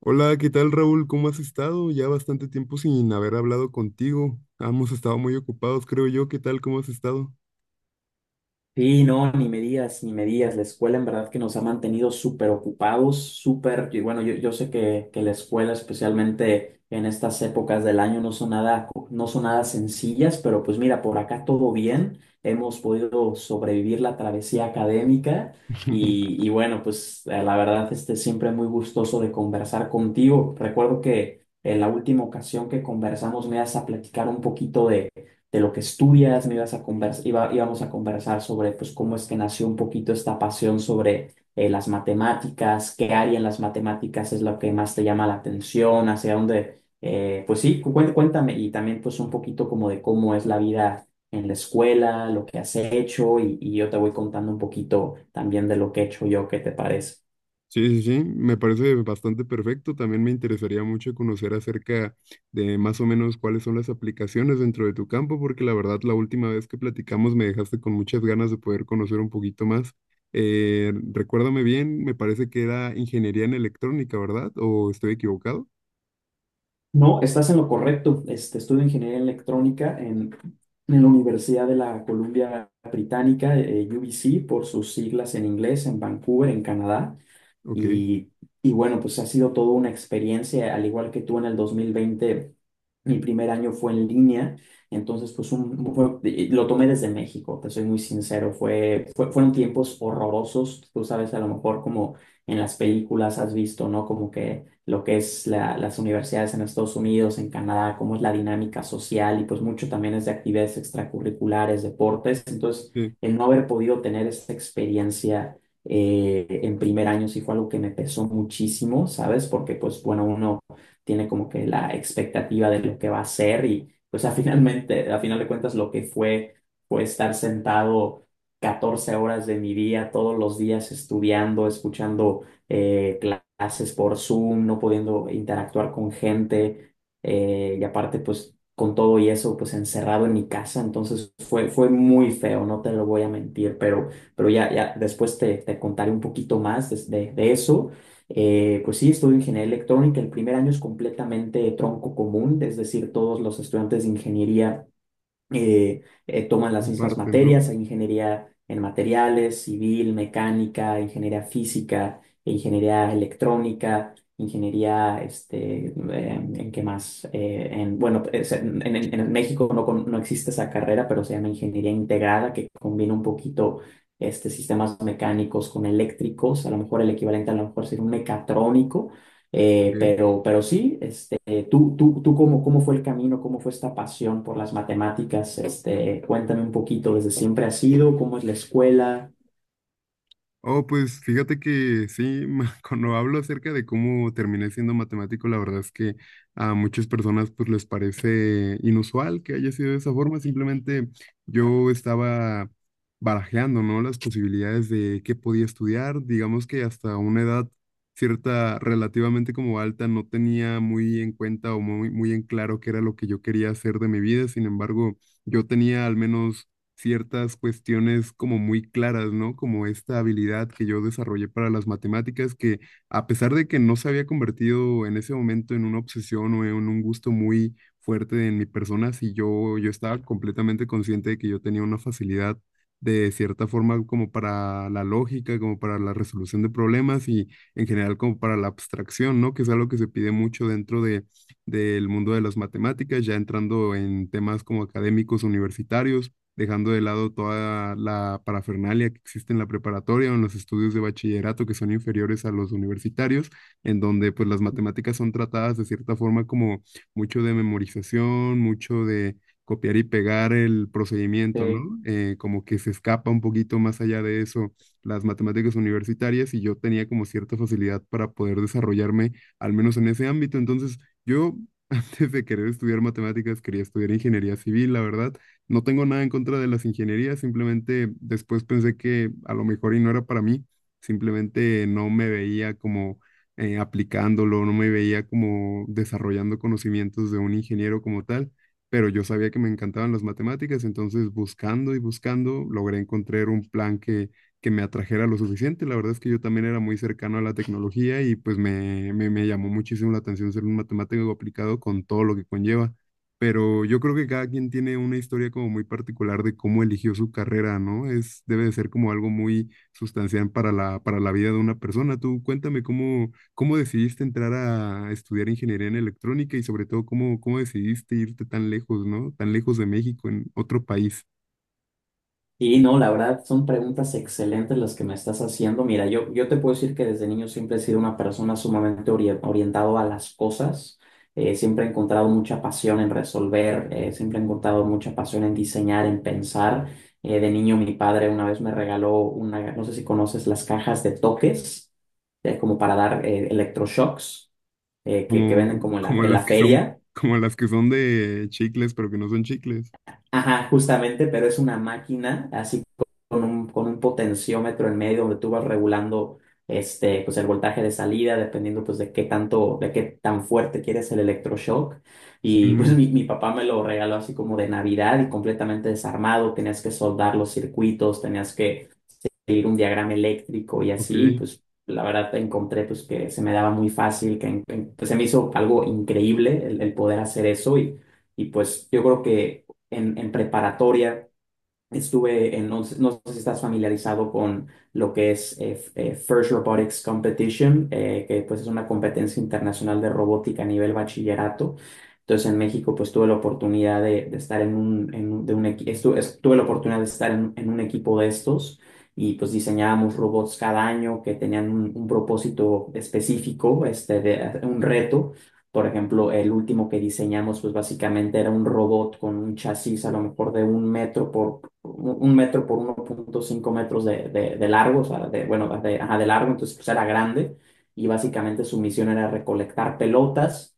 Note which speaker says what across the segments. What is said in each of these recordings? Speaker 1: Hola, ¿qué tal Raúl? ¿Cómo has estado? Ya bastante tiempo sin haber hablado contigo. Hemos estado muy ocupados, creo yo. ¿Qué tal? ¿Cómo has estado?
Speaker 2: Sí, no, ni me digas, ni me digas. La escuela en verdad que nos ha mantenido súper ocupados, súper, y bueno, yo sé que la escuela, especialmente en estas épocas del año, no son nada sencillas, pero pues mira, por acá todo bien. Hemos podido sobrevivir la travesía académica y bueno, pues la verdad, siempre muy gustoso de conversar contigo. Recuerdo que en la última ocasión que conversamos me ibas a platicar un poquito de lo que estudias, me ibas a convers- iba- íbamos a conversar sobre pues, cómo es que nació un poquito esta pasión sobre las matemáticas, qué área en las matemáticas es lo que más te llama la atención, hacia dónde, pues sí, cuéntame, y también pues un poquito como de cómo es la vida en la escuela, lo que has hecho y yo te voy contando un poquito también de lo que he hecho yo. ¿Qué te parece?
Speaker 1: Sí, sí, sí, me parece bastante perfecto. También me interesaría mucho conocer acerca de más o menos cuáles son las aplicaciones dentro de tu campo, porque la verdad la última vez que platicamos me dejaste con muchas ganas de poder conocer un poquito más. Recuérdame bien, me parece que era ingeniería en electrónica, ¿verdad? ¿O estoy equivocado?
Speaker 2: No, estás en lo correcto. Estudio ingeniería electrónica en la Universidad de la Columbia Británica, UBC, por sus siglas en inglés, en Vancouver, en Canadá.
Speaker 1: Ok,
Speaker 2: Y, y bueno, pues ha sido toda una experiencia. Al igual que tú, en el 2020 mi primer año fue en línea. Entonces pues lo tomé desde México, te soy muy sincero. Fue, fue- fueron tiempos horrorosos, tú sabes, a lo mejor como en las películas has visto, ¿no? Como que lo que es las universidades en Estados Unidos, en Canadá, cómo es la dinámica social y pues mucho también es de actividades extracurriculares, deportes. Entonces
Speaker 1: sí,
Speaker 2: el no haber podido tener esa experiencia en primer año sí fue algo que me pesó muchísimo, ¿sabes? Porque pues bueno, uno tiene como que la expectativa de lo que va a ser, y pues a finalmente, a final de cuentas, lo que fue, fue estar sentado 14 horas de mi día todos los días, estudiando, escuchando eh, clases por Zoom, no pudiendo interactuar con gente, y aparte pues con todo y eso pues encerrado en mi casa. Entonces fue muy feo, no te lo voy a mentir, pero ya, ya después te contaré un poquito más de eso. Pues sí, estudio ingeniería electrónica. El primer año es completamente tronco común, es decir, todos los estudiantes de ingeniería eh, toman las
Speaker 1: en
Speaker 2: mismas
Speaker 1: parte, ¿no?
Speaker 2: materias. Hay ingeniería en materiales, civil, mecánica, ingeniería física, ingeniería electrónica, ingeniería, ¿en qué más? Bueno, en México no, no existe esa carrera, pero se llama ingeniería integrada, que combina un poquito sistemas mecánicos con eléctricos. A lo mejor el equivalente a lo mejor sería un mecatrónico.
Speaker 1: Ok.
Speaker 2: Pero sí, tú, cómo fue el camino, cómo fue esta pasión por las matemáticas? Cuéntame un poquito. ¿Desde siempre ha sido? ¿Cómo es la escuela?
Speaker 1: Oh, pues fíjate que sí, cuando hablo acerca de cómo terminé siendo matemático, la verdad es que a muchas personas pues les parece inusual que haya sido de esa forma. Simplemente yo estaba barajeando, ¿no? Las posibilidades de qué podía estudiar. Digamos que hasta una edad cierta, relativamente como alta, no tenía muy en cuenta o muy en claro qué era lo que yo quería hacer de mi vida. Sin embargo, yo tenía al menos ciertas cuestiones como muy claras, ¿no? Como esta habilidad que yo desarrollé para las matemáticas, que a pesar de que no se había convertido en ese momento en una obsesión o en un gusto muy fuerte en mi persona, sí yo estaba completamente consciente de que yo tenía una facilidad de cierta forma como para la lógica, como para la resolución de problemas y en general como para la abstracción, ¿no? Que es algo que se pide mucho del mundo de las matemáticas, ya entrando en temas como académicos universitarios, dejando de lado toda la parafernalia que existe en la preparatoria o en los estudios de bachillerato que son inferiores a los universitarios, en donde pues las matemáticas son tratadas de cierta forma como mucho de memorización, mucho de copiar y pegar el procedimiento, ¿no? Como que se escapa un poquito más allá de eso las matemáticas universitarias y yo tenía como cierta facilidad para poder desarrollarme, al menos en ese ámbito. Entonces, yo antes de querer estudiar matemáticas, quería estudiar ingeniería civil, la verdad, no tengo nada en contra de las ingenierías, simplemente después pensé que a lo mejor y no era para mí, simplemente no me veía como aplicándolo, no me veía como desarrollando conocimientos de un ingeniero como tal, pero yo sabía que me encantaban las matemáticas, entonces buscando y buscando logré encontrar un plan que me atrajera lo suficiente. La verdad es que yo también era muy cercano a la tecnología y pues me llamó muchísimo la atención ser un matemático aplicado con todo lo que conlleva. Pero yo creo que cada quien tiene una historia como muy particular de cómo eligió su carrera, ¿no? Es, debe de ser como algo muy sustancial para para la vida de una persona. Tú cuéntame cómo, cómo decidiste entrar a estudiar ingeniería en electrónica y sobre todo cómo, cómo decidiste irte tan lejos, ¿no? Tan lejos de México, en otro país.
Speaker 2: Y no, la verdad son preguntas excelentes las que me estás haciendo. Mira, yo te puedo decir que desde niño siempre he sido una persona sumamente orientado a las cosas. Siempre he encontrado mucha pasión en resolver, siempre he encontrado mucha pasión en diseñar, en pensar. De niño mi padre una vez me regaló una, no sé si conoces, las cajas de toques, como para dar electroshocks, que
Speaker 1: Como,
Speaker 2: venden como en la,
Speaker 1: como
Speaker 2: en la
Speaker 1: las que son,
Speaker 2: feria.
Speaker 1: como las que son de chicles, pero que no son chicles.
Speaker 2: Ajá, justamente. Pero es una máquina así con un potenciómetro en medio donde tú vas regulando pues el voltaje de salida, dependiendo pues de qué tanto, de qué tan fuerte quieres el electroshock. Y pues
Speaker 1: Ujú.
Speaker 2: mi papá me lo regaló así como de Navidad y completamente desarmado. Tenías que soldar los circuitos, tenías que seguir un diagrama eléctrico y
Speaker 1: Ok,
Speaker 2: así. Pues la verdad encontré pues que se me daba muy fácil, pues, se me hizo algo increíble el poder hacer eso. Y pues yo creo que en preparatoria. No, no sé si estás familiarizado con lo que es FIRST Robotics Competition, que pues es una competencia internacional de robótica a nivel bachillerato. Entonces en México pues tuve la oportunidad de estar en un- de un equi- estu- es- tuve la oportunidad de estar en un equipo de estos, y pues diseñábamos robots cada año que tenían un propósito específico, un reto. Por ejemplo, el último que diseñamos, pues básicamente era un robot con un chasis a lo mejor de un metro por 1.5 metros de largo, o sea, bueno, ajá, de largo. Entonces pues era grande, y básicamente su misión era recolectar pelotas,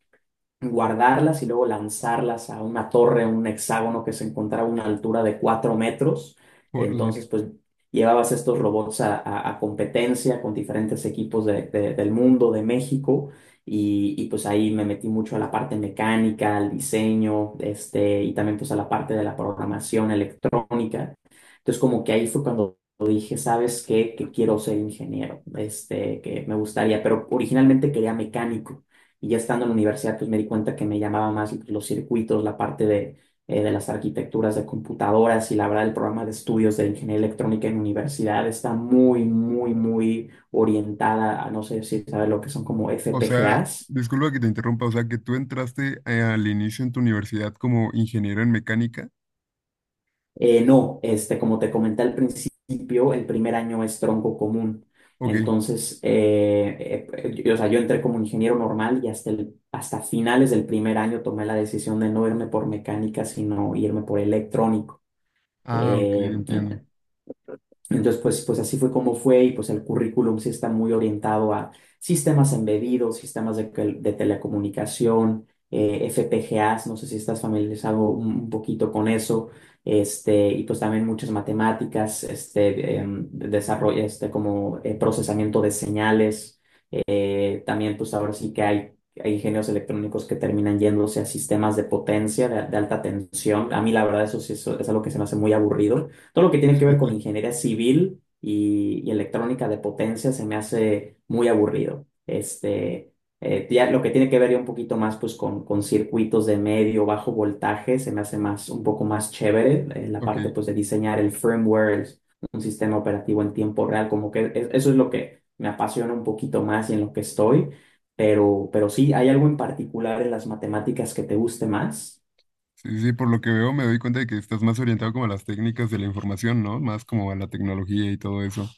Speaker 2: guardarlas y luego lanzarlas a una torre, un hexágono que se encontraba a una altura de 4 metros.
Speaker 1: órale.
Speaker 2: Entonces, pues llevabas estos robots a competencia con diferentes equipos del mundo, de México, pues ahí me metí mucho a la parte mecánica, al diseño, y también pues a la parte de la programación electrónica. Entonces, como que ahí fue cuando dije, ¿sabes qué? Que quiero ser ingeniero, que me gustaría, pero originalmente quería mecánico. Y ya estando en la universidad, pues me di cuenta que me llamaba más los circuitos, la parte de las arquitecturas de computadoras, y la verdad el programa de estudios de ingeniería electrónica en la universidad está muy, muy, muy orientada a, no sé si sabes lo que son, como
Speaker 1: O sea,
Speaker 2: FPGAs.
Speaker 1: disculpa que te interrumpa, o sea, que tú entraste al inicio en tu universidad como ingeniero en mecánica.
Speaker 2: No, como te comenté al principio, el primer año es tronco común.
Speaker 1: Ok.
Speaker 2: Entonces, yo, o sea, yo entré como ingeniero normal, y hasta, hasta finales del primer año tomé la decisión de no irme por mecánica, sino irme por electrónico.
Speaker 1: Ah, ok,
Speaker 2: Eh,
Speaker 1: entiendo.
Speaker 2: entonces, pues así fue como fue, y pues el currículum sí está muy orientado a sistemas embebidos, sistemas de telecomunicación, FPGAs, no sé si estás familiarizado un poquito con eso, y pues también muchas matemáticas, desarrollo, como procesamiento de señales. También, pues ahora sí que hay ingenios electrónicos que terminan yéndose a sistemas de potencia, de alta tensión. A mí, la verdad, eso sí, eso es algo que se me hace muy aburrido. Todo lo que tiene que ver con ingeniería civil y electrónica de potencia se me hace muy aburrido. Ya lo que tiene que ver ya un poquito más, pues, con circuitos de medio, bajo voltaje, se me hace más, un poco más chévere. La
Speaker 1: Ok.
Speaker 2: parte, pues, de diseñar el firmware, un sistema operativo en tiempo real, como que eso es lo que me apasiona un poquito más y en lo que estoy. Pero sí, ¿hay algo en particular en las matemáticas que te guste más?
Speaker 1: Sí, sí, por lo que veo me doy cuenta de que estás más orientado como a las técnicas de la información, ¿no? Más como a la tecnología y todo eso.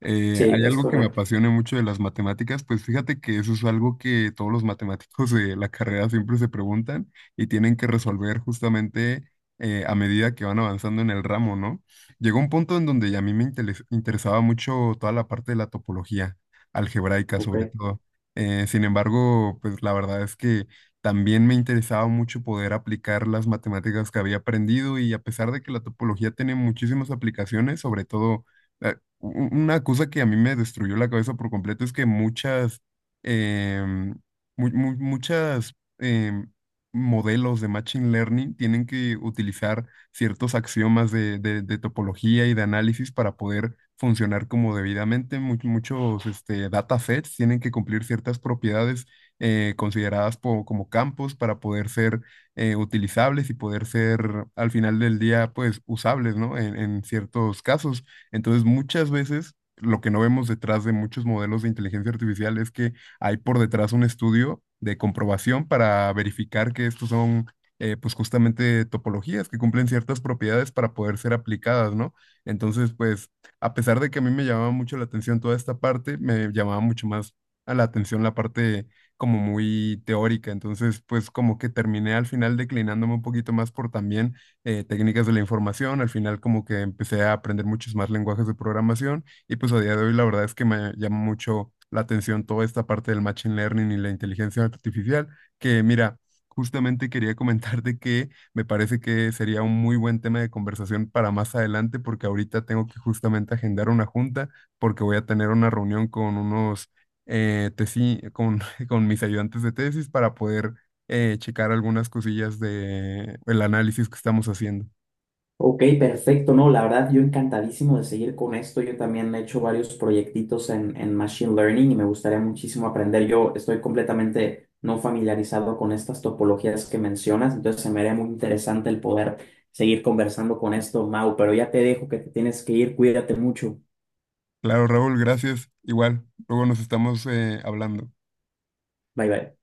Speaker 2: Sí,
Speaker 1: Hay
Speaker 2: es
Speaker 1: algo que me
Speaker 2: correcto.
Speaker 1: apasiona mucho de las matemáticas, pues fíjate que eso es algo que todos los matemáticos de la carrera siempre se preguntan y tienen que resolver justamente a medida que van avanzando en el ramo, ¿no? Llegó un punto en donde ya a mí me interesaba mucho toda la parte de la topología algebraica sobre
Speaker 2: Ok.
Speaker 1: todo. Sin embargo, pues la verdad es que también me interesaba mucho poder aplicar las matemáticas que había aprendido y a pesar de que la topología tiene muchísimas aplicaciones, sobre todo... eh, u- una cosa que a mí me destruyó la cabeza por completo es que em, muchas em, modelos de Machine Learning tienen que utilizar ciertos axiomas de topología y de análisis para poder funcionar como debidamente. Muchos este, datasets tienen que cumplir ciertas propiedades consideradas como campos para poder ser utilizables y poder ser al final del día pues usables, ¿no? En ciertos casos. Entonces, muchas veces lo que no vemos detrás de muchos modelos de inteligencia artificial es que hay por detrás un estudio de comprobación para verificar que estos son, pues justamente topologías que cumplen ciertas propiedades para poder ser aplicadas, ¿no? Entonces, pues, a pesar de que a mí me llamaba mucho la atención toda esta parte, me llamaba mucho más a la atención la parte como muy teórica. Entonces, pues como que terminé al final declinándome un poquito más por también técnicas de la información. Al final como que empecé a aprender muchos más lenguajes de programación y pues a día de hoy la verdad es que me llama mucho la atención toda esta parte del machine learning y la inteligencia artificial, que mira, justamente quería comentarte que me parece que sería un muy buen tema de conversación para más adelante porque ahorita tengo que justamente agendar una junta porque voy a tener una reunión con unos eh, tesi- con, con mis ayudantes de tesis para poder checar algunas cosillas de el análisis que estamos haciendo.
Speaker 2: Ok, perfecto. No, la verdad, yo encantadísimo de seguir con esto. Yo también he hecho varios proyectitos en Machine Learning y me gustaría muchísimo aprender. Yo estoy completamente no familiarizado con estas topologías que mencionas, entonces se me haría muy interesante el poder seguir conversando con esto, Mau, pero ya te dejo que te tienes que ir. Cuídate mucho.
Speaker 1: Claro, Raúl, gracias. Igual, luego nos estamos hablando.
Speaker 2: Bye, bye.